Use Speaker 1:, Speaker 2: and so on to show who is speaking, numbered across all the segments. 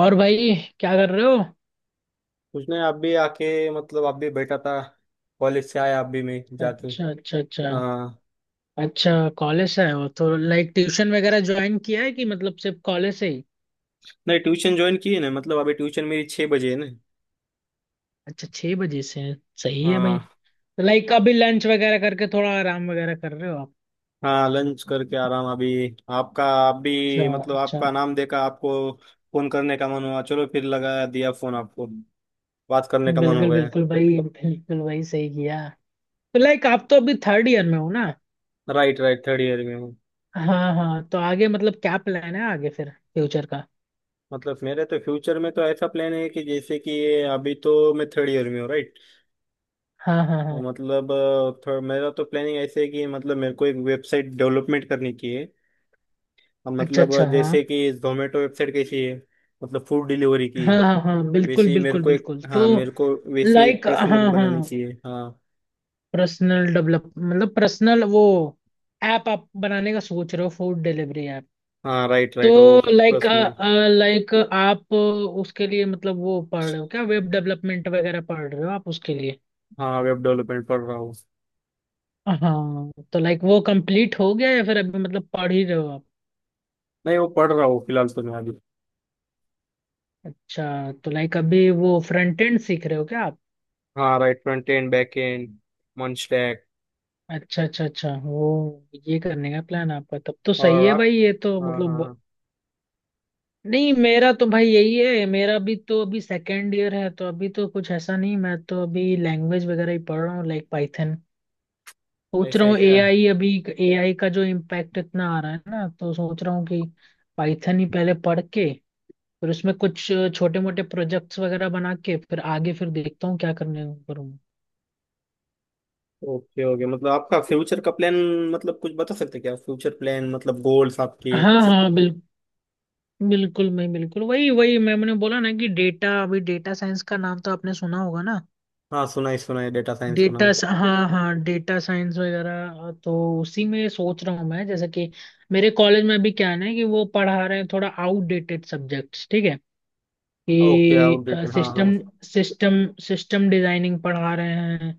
Speaker 1: और भाई, क्या कर रहे हो?
Speaker 2: उसने आप भी आके मतलब आप भी बैठा था। कॉलेज से आया आप भी मैं जाके।
Speaker 1: अच्छा, अच्छा, अच्छा।
Speaker 2: हाँ।
Speaker 1: अच्छा। कॉलेज से आए हो तो लाइक ट्यूशन वगैरह ज्वाइन किया है कि मतलब सिर्फ कॉलेज से ही?
Speaker 2: नहीं ट्यूशन ज्वाइन की है ना, मतलब अभी ट्यूशन मेरी 6 बजे है ना।
Speaker 1: अच्छा, छह बजे से है। सही है भाई।
Speaker 2: हाँ।
Speaker 1: तो लाइक अभी लंच वगैरह करके थोड़ा आराम वगैरह कर रहे हो आप?
Speaker 2: हाँ लंच करके आराम अभी। आपका आप
Speaker 1: अच्छा,
Speaker 2: भी मतलब
Speaker 1: अच्छा।
Speaker 2: आपका नाम देखा आपको फोन करने का मन हुआ, चलो फिर लगा दिया फोन आपको, बात करने का मन हो
Speaker 1: बिल्कुल
Speaker 2: गया।
Speaker 1: बिल्कुल भाई, बिल्कुल भाई, सही किया। तो लाइक आप तो अभी थर्ड ईयर में हो ना?
Speaker 2: राइट राइट, थर्ड ईयर में हूँ।
Speaker 1: हाँ हाँ, तो आगे मतलब क्या प्लान है आगे फिर फ्यूचर का?
Speaker 2: मतलब मेरे तो फ्यूचर में तो ऐसा प्लान है कि जैसे कि अभी तो मैं थर्ड ईयर में हूँ राइट।
Speaker 1: हाँ हाँ हाँ।
Speaker 2: मतलब थोड़ा मेरा तो प्लानिंग ऐसे है कि मतलब मेरे को एक वेबसाइट डेवलपमेंट करनी की है। और
Speaker 1: अच्छा,
Speaker 2: मतलब
Speaker 1: अच्छा, हाँ।
Speaker 2: जैसे कि जोमेटो वेबसाइट कैसी है, मतलब फूड डिलीवरी की।
Speaker 1: हाँ हाँ हाँ बिल्कुल
Speaker 2: वैसे ही मेरे
Speaker 1: बिल्कुल
Speaker 2: को एक,
Speaker 1: बिल्कुल, तो
Speaker 2: हाँ मेरे को वैसी एक
Speaker 1: लाइक,
Speaker 2: पर्सनल
Speaker 1: हाँ।
Speaker 2: बनानी
Speaker 1: हाँ।
Speaker 2: की है। हाँ।
Speaker 1: पर्सनल डेवलप मतलब पर्सनल वो, ऐप आप बनाने का सोच रहे हो, फूड डिलीवरी ऐप?
Speaker 2: हाँ राइट
Speaker 1: तो
Speaker 2: right oh
Speaker 1: like
Speaker 2: personal.
Speaker 1: Like आप उसके लिए मतलब वो पढ़ रहे हो क्या, वेब डेवलपमेंट वगैरह पढ़ रहे हो आप उसके लिए?
Speaker 2: हाँ वेब डेवलपमेंट पढ़ रहा हूँ।
Speaker 1: हाँ, तो लाइक वो कंप्लीट हो गया या फिर अभी मतलब पढ़ ही रहे हो आप?
Speaker 2: नहीं वो पढ़ रहा हूँ फिलहाल तो मैं अभी।
Speaker 1: अच्छा, तो लाइक अभी वो फ्रंट एंड सीख रहे हो क्या आप?
Speaker 2: हाँ right front end back end मंच।
Speaker 1: अच्छा, अच्छा, अच्छा, वो ये करने का प्लान आपका, तब तो सही
Speaker 2: और
Speaker 1: है
Speaker 2: आप?
Speaker 1: भाई, ये तो
Speaker 2: हाँ हाँ
Speaker 1: मतलब।
Speaker 2: हाँ।
Speaker 1: नहीं, मेरा तो भाई यही है, मेरा भी तो अभी सेकेंड ईयर है, तो अभी तो कुछ ऐसा नहीं, मैं तो अभी लैंग्वेज वगैरह ही पढ़ रहा हूँ, लाइक पाइथन। सोच
Speaker 2: ऐसे
Speaker 1: रहा
Speaker 2: है
Speaker 1: हूँ
Speaker 2: क्या?
Speaker 1: एआई अभी। एआई का जो इम्पैक्ट इतना आ रहा है ना, तो सोच रहा हूँ कि पाइथन ही पहले पढ़ के, फिर उसमें कुछ छोटे मोटे प्रोजेक्ट्स वगैरह बना के फिर आगे फिर देखता हूँ क्या करने करूँगा।
Speaker 2: ओके ओके, मतलब आपका फ्यूचर का प्लान मतलब कुछ बता सकते हैं क्या फ्यूचर प्लान मतलब गोल्स आपके?
Speaker 1: हाँ हाँ, बिल्कुल बिल्कुल, मैं बिल्कुल वही वही मैंने बोला ना कि डेटा, अभी डेटा साइंस का नाम तो आपने सुना होगा ना?
Speaker 2: हाँ सुना है डेटा साइंस का
Speaker 1: डेटा,
Speaker 2: नाम।
Speaker 1: हाँ हाँ, डेटा साइंस वगैरह, तो उसी में सोच रहा हूँ मैं, जैसे कि मेरे कॉलेज में अभी क्या है ना कि वो पढ़ा रहे हैं थोड़ा आउटडेटेड सब्जेक्ट्स, ठीक है,
Speaker 2: ओके
Speaker 1: कि
Speaker 2: आउटडेटेड हाँ हाँ।
Speaker 1: सिस्टम सिस्टम सिस्टम डिजाइनिंग पढ़ा रहे हैं,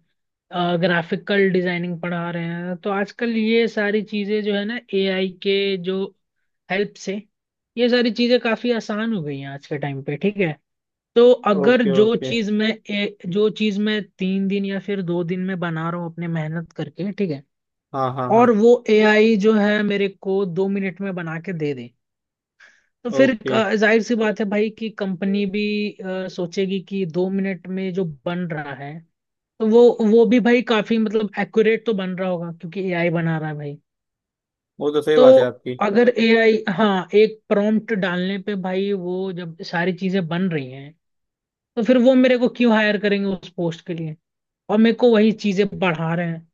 Speaker 1: ग्राफिकल डिजाइनिंग पढ़ा रहे हैं, तो आजकल ये सारी चीजें जो है ना, एआई के जो हेल्प से ये सारी चीजें काफी आसान हो गई हैं आज के टाइम पे, ठीक है। तो अगर
Speaker 2: ओके
Speaker 1: जो
Speaker 2: ओके।
Speaker 1: चीज मैं जो चीज मैं 3 दिन या फिर 2 दिन में बना रहा हूँ अपने मेहनत करके, ठीक है,
Speaker 2: हाँ हाँ हाँ।
Speaker 1: और वो एआई जो है मेरे को 2 मिनट में बना के दे दे, तो फिर
Speaker 2: ओके।
Speaker 1: जाहिर सी बात है भाई कि कंपनी भी सोचेगी कि 2 मिनट में जो बन रहा है, तो वो भी भाई काफी मतलब एक्यूरेट तो बन रहा होगा, क्योंकि एआई बना रहा है भाई।
Speaker 2: वो तो सही बात है
Speaker 1: तो
Speaker 2: आपकी।
Speaker 1: अगर एआई, हाँ, एक प्रॉम्प्ट डालने पे भाई वो जब सारी चीजें बन रही हैं, तो फिर वो मेरे को क्यों हायर करेंगे उस पोस्ट के लिए, और मेरे को वही चीजें बढ़ा रहे हैं।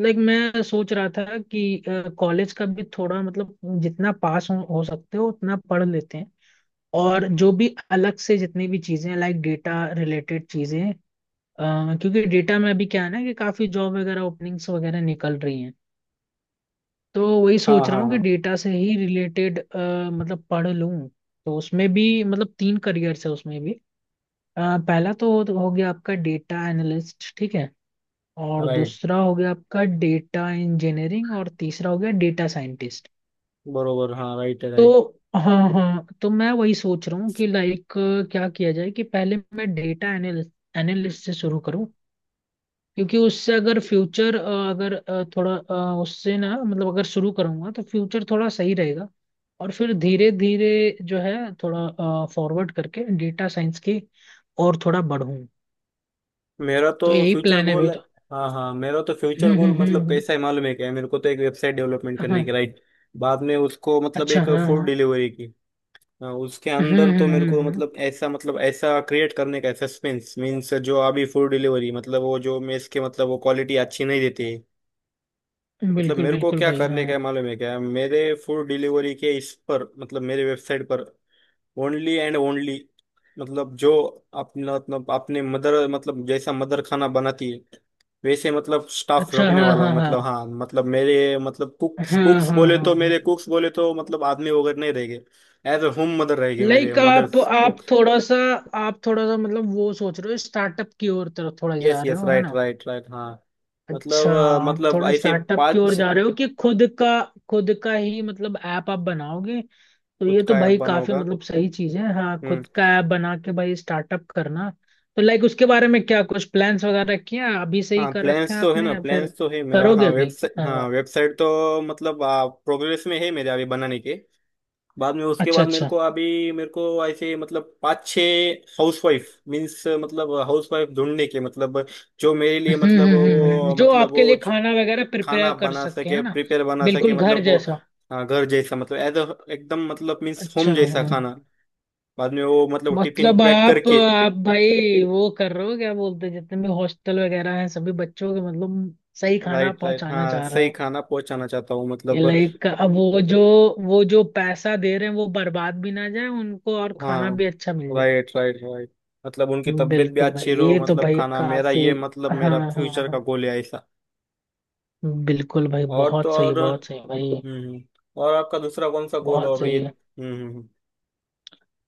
Speaker 1: लाइक मैं सोच रहा था कि कॉलेज का भी थोड़ा मतलब, जितना पास हो सकते हो उतना पढ़ लेते हैं, और जो भी अलग से जितनी भी चीजें लाइक डेटा रिलेटेड चीजें, क्योंकि डेटा में अभी क्या है ना कि काफी जॉब वगैरह ओपनिंग्स वगैरह निकल रही हैं, तो वही
Speaker 2: हाँ
Speaker 1: सोच रहा
Speaker 2: हाँ
Speaker 1: हूँ कि
Speaker 2: हाँ।
Speaker 1: डेटा से ही रिलेटेड मतलब पढ़ लूँ। तो उसमें भी मतलब 3 करियर्स है उसमें भी, पहला तो हो गया आपका डेटा एनालिस्ट, ठीक है, और
Speaker 2: राइट।
Speaker 1: दूसरा हो गया आपका डेटा इंजीनियरिंग, और तीसरा हो गया डेटा साइंटिस्ट।
Speaker 2: बरोबर हाँ राइट है राइट।
Speaker 1: तो हाँ हाँ, तो मैं वही सोच रहा हूँ कि लाइक क्या किया जाए कि पहले मैं डेटा एनालिस्ट एनालिस्ट से शुरू करूँ, क्योंकि उससे अगर फ्यूचर अगर थोड़ा उससे ना मतलब अगर शुरू करूँगा तो फ्यूचर थोड़ा सही रहेगा, और फिर धीरे धीरे जो है थोड़ा फॉरवर्ड करके डेटा साइंस की और थोड़ा बढ़ूँ,
Speaker 2: मेरा तो
Speaker 1: तो यही
Speaker 2: फ्यूचर
Speaker 1: प्लान है।
Speaker 2: गोल। हाँ हाँ मेरा तो फ्यूचर
Speaker 1: हम्म
Speaker 2: गोल
Speaker 1: हम्म हम्म,
Speaker 2: मतलब
Speaker 1: हम्म।
Speaker 2: कैसा है मालूम है क्या, मेरे को तो एक वेबसाइट डेवलपमेंट
Speaker 1: हाँ।
Speaker 2: करने की राइट। बाद में उसको मतलब
Speaker 1: अच्छा,
Speaker 2: एक
Speaker 1: हाँ
Speaker 2: फूड
Speaker 1: हाँ।
Speaker 2: डिलीवरी की। हाँ, उसके
Speaker 1: हम्म
Speaker 2: अंदर तो मेरे
Speaker 1: हम्म
Speaker 2: को
Speaker 1: हम्म
Speaker 2: मतलब ऐसा क्रिएट करने का सस्पेंस मीन्स जो अभी फूड डिलीवरी मतलब वो जो मेस के मतलब वो क्वालिटी अच्छी नहीं देती। मतलब
Speaker 1: बिल्कुल
Speaker 2: मेरे को
Speaker 1: बिल्कुल
Speaker 2: क्या
Speaker 1: भाई,
Speaker 2: करने का
Speaker 1: हाँ।
Speaker 2: है मालूम है क्या मेरे? फूड डिलीवरी के इस पर मतलब मेरे वेबसाइट पर ओनली एंड ओनली मतलब जो अपना मतलब अपने मदर मतलब जैसा मदर खाना बनाती है वैसे मतलब स्टाफ
Speaker 1: अच्छा,
Speaker 2: रोकने
Speaker 1: हाँ
Speaker 2: वाला हूँ,
Speaker 1: हाँ हाँ
Speaker 2: मतलब हाँ मतलब मेरे मतलब कुक्स
Speaker 1: हाँ।
Speaker 2: कुक्स
Speaker 1: हाँ
Speaker 2: बोले
Speaker 1: हाँ
Speaker 2: तो
Speaker 1: हाँ।
Speaker 2: मेरे कुक्स बोले तो मतलब आदमी वगैरह नहीं रहेंगे। एज अ होम मदर रहेगी मेरे
Speaker 1: लाइक आप
Speaker 2: मदर्स
Speaker 1: आप
Speaker 2: कुक।
Speaker 1: थोड़ा सा, आप थोड़ा सा मतलब वो सोच रहे हो स्टार्टअप की ओर तरफ थोड़ा
Speaker 2: यस
Speaker 1: जा रहे
Speaker 2: यस
Speaker 1: हो, है?
Speaker 2: राइट राइट राइट हाँ।
Speaker 1: अच्छा,
Speaker 2: मतलब
Speaker 1: आप
Speaker 2: मतलब
Speaker 1: थोड़ा
Speaker 2: ऐसे
Speaker 1: स्टार्टअप की ओर
Speaker 2: पांच।
Speaker 1: जा रहे हो कि खुद का? खुद का ही मतलब ऐप आप बनाओगे, तो
Speaker 2: खुद
Speaker 1: ये तो
Speaker 2: का ऐप
Speaker 1: भाई काफी
Speaker 2: बनाऊंगा।
Speaker 1: मतलब सही चीज है, हाँ
Speaker 2: हम्म।
Speaker 1: खुद का ऐप बना के भाई स्टार्टअप करना। तो लाइक उसके बारे में क्या कुछ प्लान्स वगैरह किए हैं? अभी से ही
Speaker 2: हाँ
Speaker 1: कर रखे
Speaker 2: प्लान्स
Speaker 1: हैं
Speaker 2: तो है
Speaker 1: आपने
Speaker 2: ना,
Speaker 1: या फिर
Speaker 2: प्लान्स तो है मेरा।
Speaker 1: करोगे
Speaker 2: हाँ
Speaker 1: अभी?
Speaker 2: वेबसाइट,
Speaker 1: हाँ
Speaker 2: हाँ
Speaker 1: हाँ।
Speaker 2: वेबसाइट तो मतलब प्रोग्रेस में है मेरे अभी बनाने के। बाद में उसके
Speaker 1: अच्छा,
Speaker 2: बाद मेरे को
Speaker 1: अच्छा।
Speaker 2: अभी मेरे को ऐसे मतलब पाँच छः हाउसवाइफ मीन्स मतलब हाउसवाइफ ढूंढने के मतलब जो मेरे लिए
Speaker 1: हम्म। जो
Speaker 2: मतलब
Speaker 1: आपके
Speaker 2: वो
Speaker 1: लिए
Speaker 2: जो
Speaker 1: खाना वगैरह
Speaker 2: खाना
Speaker 1: प्रिपेयर कर
Speaker 2: बना
Speaker 1: सके, है
Speaker 2: सके,
Speaker 1: ना?
Speaker 2: प्रिपेयर बना सके
Speaker 1: बिल्कुल घर
Speaker 2: मतलब वो
Speaker 1: जैसा।
Speaker 2: घर जैसा मतलब एज एकदम मतलब मीन्स
Speaker 1: अच्छा,
Speaker 2: होम जैसा
Speaker 1: हाँ।
Speaker 2: खाना। बाद में वो मतलब टिफिन
Speaker 1: मतलब
Speaker 2: पैक
Speaker 1: आप
Speaker 2: करके।
Speaker 1: आप भाई वो कर रहे हो, क्या बोलते हैं, जितने भी हॉस्टल वगैरह हैं सभी बच्चों के मतलब सही खाना
Speaker 2: राइट राइट
Speaker 1: पहुंचाना
Speaker 2: हाँ
Speaker 1: चाह रहे
Speaker 2: सही
Speaker 1: हो?
Speaker 2: खाना पहुंचाना चाहता हूँ
Speaker 1: ये
Speaker 2: मतलब।
Speaker 1: लाइक, अब वो जो, वो जो पैसा दे रहे हैं वो बर्बाद भी ना जाए उनको और खाना
Speaker 2: हाँ।
Speaker 1: भी अच्छा मिल जाए।
Speaker 2: Right right right. मतलब उनकी तबीयत भी
Speaker 1: बिल्कुल भाई,
Speaker 2: अच्छी रहो
Speaker 1: ये तो
Speaker 2: मतलब
Speaker 1: भाई
Speaker 2: खाना मेरा
Speaker 1: काफी।
Speaker 2: ये मतलब
Speaker 1: हाँ
Speaker 2: मेरा
Speaker 1: हाँ
Speaker 2: फ्यूचर का
Speaker 1: हाँ,
Speaker 2: गोल है ऐसा।
Speaker 1: बिल्कुल भाई,
Speaker 2: और तो
Speaker 1: बहुत सही,
Speaker 2: और।
Speaker 1: बहुत सही
Speaker 2: हम्म
Speaker 1: भाई।
Speaker 2: हम्म। और आपका दूसरा कौन सा गोल
Speaker 1: बहुत
Speaker 2: और
Speaker 1: सही
Speaker 2: ये?
Speaker 1: है।
Speaker 2: हम्म हम्म, हम्म।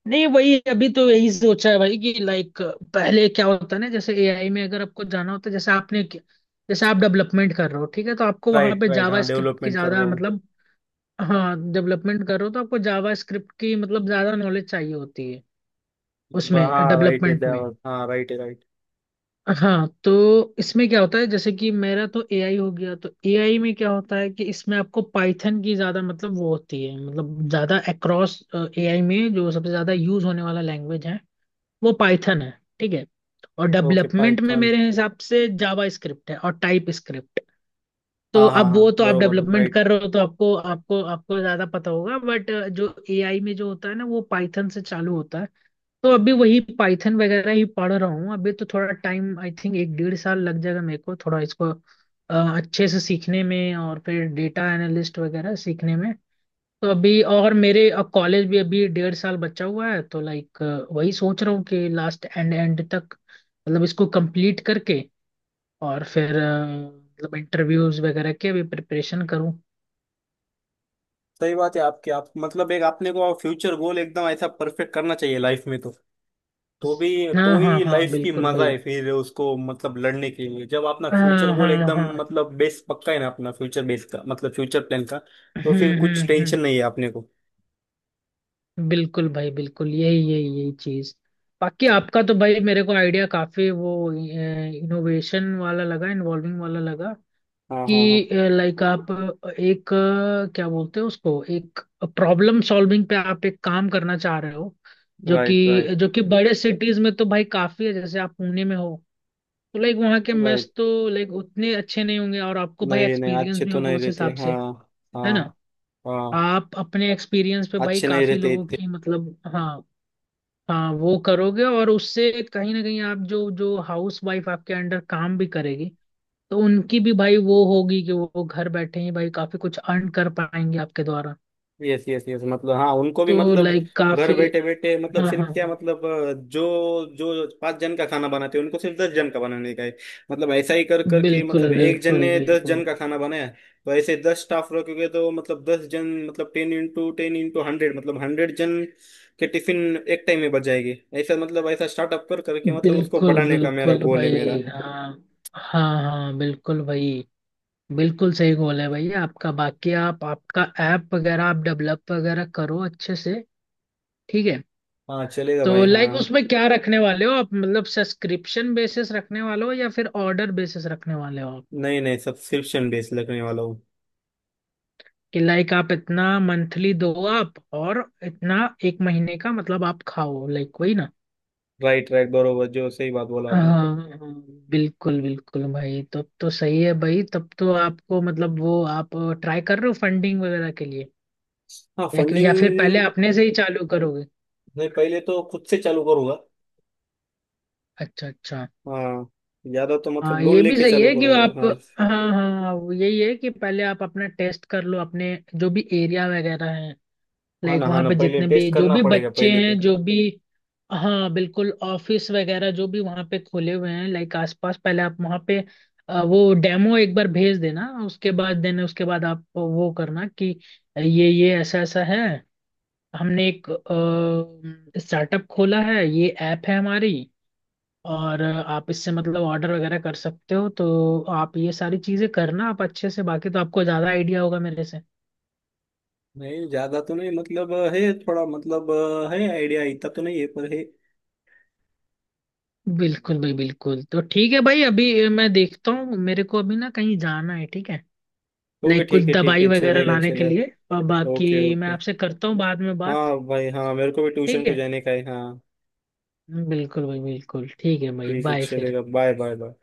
Speaker 1: नहीं, वही अभी तो यही सोचा है भाई कि लाइक पहले क्या होता है ना, जैसे एआई में अगर आपको जाना होता है, जैसे आपने कि- जैसे आप डेवलपमेंट कर रहे हो, ठीक है, तो आपको वहां
Speaker 2: राइट
Speaker 1: पे
Speaker 2: राइट
Speaker 1: जावा
Speaker 2: हाँ
Speaker 1: स्क्रिप्ट की
Speaker 2: डेवलपमेंट कर
Speaker 1: ज्यादा
Speaker 2: रहा हूँ।
Speaker 1: मतलब, हाँ डेवलपमेंट कर रहे हो तो आपको जावा स्क्रिप्ट की मतलब ज्यादा नॉलेज चाहिए होती है, उसमें
Speaker 2: हाँ राइट है,
Speaker 1: डेवलपमेंट में।
Speaker 2: डेवलप हाँ राइट है राइट।
Speaker 1: हाँ, तो इसमें क्या होता है, जैसे कि मेरा तो एआई हो गया, तो एआई में क्या होता है कि इसमें आपको पाइथन की ज्यादा मतलब वो होती है, मतलब ज्यादा अक्रॉस एआई में जो सबसे ज्यादा यूज होने वाला लैंग्वेज है वो पाइथन है, ठीक है। और
Speaker 2: ओके
Speaker 1: डेवलपमेंट में
Speaker 2: पाइथन।
Speaker 1: मेरे हिसाब से जावा स्क्रिप्ट है और टाइप स्क्रिप्ट। तो
Speaker 2: हाँ हाँ
Speaker 1: अब वो
Speaker 2: हाँ
Speaker 1: तो आप
Speaker 2: बरोबर
Speaker 1: डेवलपमेंट
Speaker 2: राइट।
Speaker 1: कर रहे हो तो आपको आपको आपको ज्यादा पता होगा, बट जो एआई में जो होता है ना वो पाइथन से चालू होता है। तो अभी वही पाइथन वगैरह ही पढ़ रहा हूँ, अभी तो थोड़ा टाइम आई थिंक एक डेढ़ साल लग जाएगा मेरे को थोड़ा इसको अच्छे से सीखने में, और फिर डेटा एनालिस्ट वगैरह सीखने में। तो अभी, और मेरे अब कॉलेज भी अभी 1.5 साल बचा हुआ है, तो लाइक वही सोच रहा हूँ कि लास्ट एंड एंड तक मतलब इसको कंप्लीट करके, और फिर मतलब इंटरव्यूज वगैरह के भी प्रिपरेशन करूँ।
Speaker 2: सही बात है आपकी, आप मतलब एक आपने को फ्यूचर गोल एकदम ऐसा परफेक्ट करना चाहिए लाइफ में तो। तो भी तो
Speaker 1: हाँ हाँ
Speaker 2: ही
Speaker 1: हाँ,
Speaker 2: लाइफ की
Speaker 1: बिल्कुल
Speaker 2: मजा
Speaker 1: भाई।
Speaker 2: है फिर उसको मतलब लड़ने के लिए जब अपना
Speaker 1: हाँ
Speaker 2: फ्यूचर गोल
Speaker 1: हाँ
Speaker 2: एकदम
Speaker 1: हाँ।
Speaker 2: मतलब बेस पक्का है ना अपना फ्यूचर बेस का मतलब फ्यूचर प्लान का। तो फिर कुछ
Speaker 1: हम्म।
Speaker 2: टेंशन नहीं है अपने को।
Speaker 1: बिल्कुल भाई बिल्कुल, यही यही यही चीज। बाकी आपका तो भाई मेरे को आइडिया काफी वो इनोवेशन वाला लगा, इन्वॉल्विंग वाला लगा
Speaker 2: हाँ
Speaker 1: कि
Speaker 2: हाँ हाँ।
Speaker 1: लाइक आप एक क्या बोलते हैं उसको, एक प्रॉब्लम सॉल्विंग पे आप एक काम करना चाह रहे हो, जो
Speaker 2: राइट राइट
Speaker 1: कि जो कि बड़े सिटीज में तो भाई काफी है, जैसे आप पुणे में हो, तो लाइक वहाँ के मेस
Speaker 2: राइट।
Speaker 1: तो लाइक उतने अच्छे नहीं होंगे, और आपको भाई
Speaker 2: नहीं नहीं
Speaker 1: एक्सपीरियंस
Speaker 2: अच्छे
Speaker 1: भी
Speaker 2: तो
Speaker 1: होगा
Speaker 2: नहीं
Speaker 1: उस
Speaker 2: रहते
Speaker 1: हिसाब से,
Speaker 2: हाँ।
Speaker 1: है
Speaker 2: हाँ।
Speaker 1: ना।
Speaker 2: हाँ
Speaker 1: आप अपने एक्सपीरियंस पे भाई
Speaker 2: अच्छे नहीं
Speaker 1: काफी
Speaker 2: रहते
Speaker 1: लोगों
Speaker 2: इतने।
Speaker 1: की मतलब, हाँ हाँ, वो करोगे और उससे कहीं ना कहीं आप जो जो हाउस वाइफ आपके अंडर काम भी करेगी, तो उनकी भी भाई वो होगी कि वो घर बैठे ही भाई काफी कुछ अर्न कर पाएंगे आपके द्वारा।
Speaker 2: यस यस यस, मतलब हाँ उनको भी
Speaker 1: तो
Speaker 2: मतलब
Speaker 1: लाइक
Speaker 2: घर
Speaker 1: काफी,
Speaker 2: बैठे बैठे मतलब
Speaker 1: हाँ हाँ
Speaker 2: सिर्फ क्या
Speaker 1: हाँ।
Speaker 2: मतलब जो जो पांच जन का खाना बनाते हैं उनको सिर्फ 10 जन का बनाने का है। मतलब ऐसा ही कर करके
Speaker 1: बिल्कुल
Speaker 2: मतलब एक जन
Speaker 1: बिल्कुल
Speaker 2: ने दस
Speaker 1: बिल्कुल।
Speaker 2: जन का खाना बनाया, तो ऐसे 10 स्टाफ रखोगे तो मतलब 10 जन मतलब 10 इंटू 10 इंटू 100 मतलब 100 जन के टिफिन एक टाइम में बच जाएगी। ऐसा मतलब ऐसा स्टार्टअप कर करके मतलब उसको
Speaker 1: बिल्कुल
Speaker 2: बढ़ाने का मेरा
Speaker 1: बिल्कुल
Speaker 2: गोल है मेरा।
Speaker 1: भाई, हाँ हाँ हाँ, बिल्कुल भाई। बिल्कुल सही गोल है भाई आपका, बाकी आप आपका ऐप वगैरह आप डेवलप वगैरह करो अच्छे से, ठीक है।
Speaker 2: हाँ चलेगा
Speaker 1: तो
Speaker 2: भाई
Speaker 1: लाइक
Speaker 2: हाँ।
Speaker 1: उसमें क्या रखने वाले हो आप, मतलब सब्सक्रिप्शन बेसिस रखने वाले हो या फिर ऑर्डर बेसिस रखने वाले हो आप?
Speaker 2: नहीं नहीं सब्सक्रिप्शन बेस लगने वाला हूँ।
Speaker 1: कि लाइक आप इतना मंथली दो आप और इतना एक महीने का मतलब आप खाओ, लाइक वही ना?
Speaker 2: राइट राइट बरोबर, जो सही बात बोला
Speaker 1: हाँ,
Speaker 2: आपने।
Speaker 1: हाँ, बिल्कुल बिल्कुल भाई, तब तो सही है भाई, तब तो आपको मतलब वो आप ट्राई कर रहे हो फंडिंग वगैरह के लिए,
Speaker 2: हाँ
Speaker 1: या, कि- या फिर पहले
Speaker 2: फंडिंग।
Speaker 1: अपने से ही चालू करोगे?
Speaker 2: मैं पहले तो खुद से चालू करूंगा।
Speaker 1: अच्छा, अच्छा।
Speaker 2: हाँ। ज्यादा तो मतलब
Speaker 1: हाँ,
Speaker 2: लोन
Speaker 1: ये भी
Speaker 2: लेके
Speaker 1: सही
Speaker 2: चालू
Speaker 1: है कि
Speaker 2: करूंगा
Speaker 1: आप,
Speaker 2: हाँ।
Speaker 1: हाँ हाँ हाँ, वो यही है कि पहले आप अपना टेस्ट कर लो, अपने जो भी एरिया वगैरह है,
Speaker 2: हाँ
Speaker 1: लाइक
Speaker 2: ना हाँ
Speaker 1: वहाँ
Speaker 2: ना,
Speaker 1: पे
Speaker 2: पहले
Speaker 1: जितने भी
Speaker 2: टेस्ट
Speaker 1: जो
Speaker 2: करना
Speaker 1: भी
Speaker 2: पड़ेगा
Speaker 1: बच्चे
Speaker 2: पहले पे।
Speaker 1: हैं जो भी, हाँ बिल्कुल, ऑफिस वगैरह जो भी वहाँ पे खुले हुए हैं लाइक आसपास, पहले आप वहाँ पे वो डेमो एक बार भेज देना, उसके बाद देना, उसके बाद आप वो करना कि ये ऐसा ऐसा है, हमने एक स्टार्टअप खोला है, ये ऐप है हमारी, और आप इससे मतलब ऑर्डर वगैरह कर सकते हो, तो आप ये सारी चीजें करना आप अच्छे से, बाकी तो आपको ज्यादा आइडिया होगा मेरे से।
Speaker 2: नहीं ज्यादा तो नहीं मतलब है थोड़ा मतलब है आइडिया, इतना तो नहीं है पर है।
Speaker 1: बिल्कुल भाई बिल्कुल, तो ठीक है भाई, अभी मैं देखता हूँ, मेरे को अभी ना कहीं जाना है, ठीक है,
Speaker 2: ओके
Speaker 1: लाइक कुछ
Speaker 2: ठीक
Speaker 1: दवाई
Speaker 2: है
Speaker 1: वगैरह
Speaker 2: चलेगा
Speaker 1: लाने के लिए,
Speaker 2: चलेगा।
Speaker 1: और
Speaker 2: ओके
Speaker 1: बाकी मैं
Speaker 2: ओके।
Speaker 1: आपसे करता हूँ बाद में बात।
Speaker 2: हाँ भाई हाँ मेरे को भी ट्यूशन
Speaker 1: ठीक
Speaker 2: को
Speaker 1: है।
Speaker 2: जाने का है हाँ।
Speaker 1: बिल्कुल भाई बिल्कुल, ठीक है भाई,
Speaker 2: ठीक है
Speaker 1: बाय फिर।
Speaker 2: चलेगा बाय बाय बाय।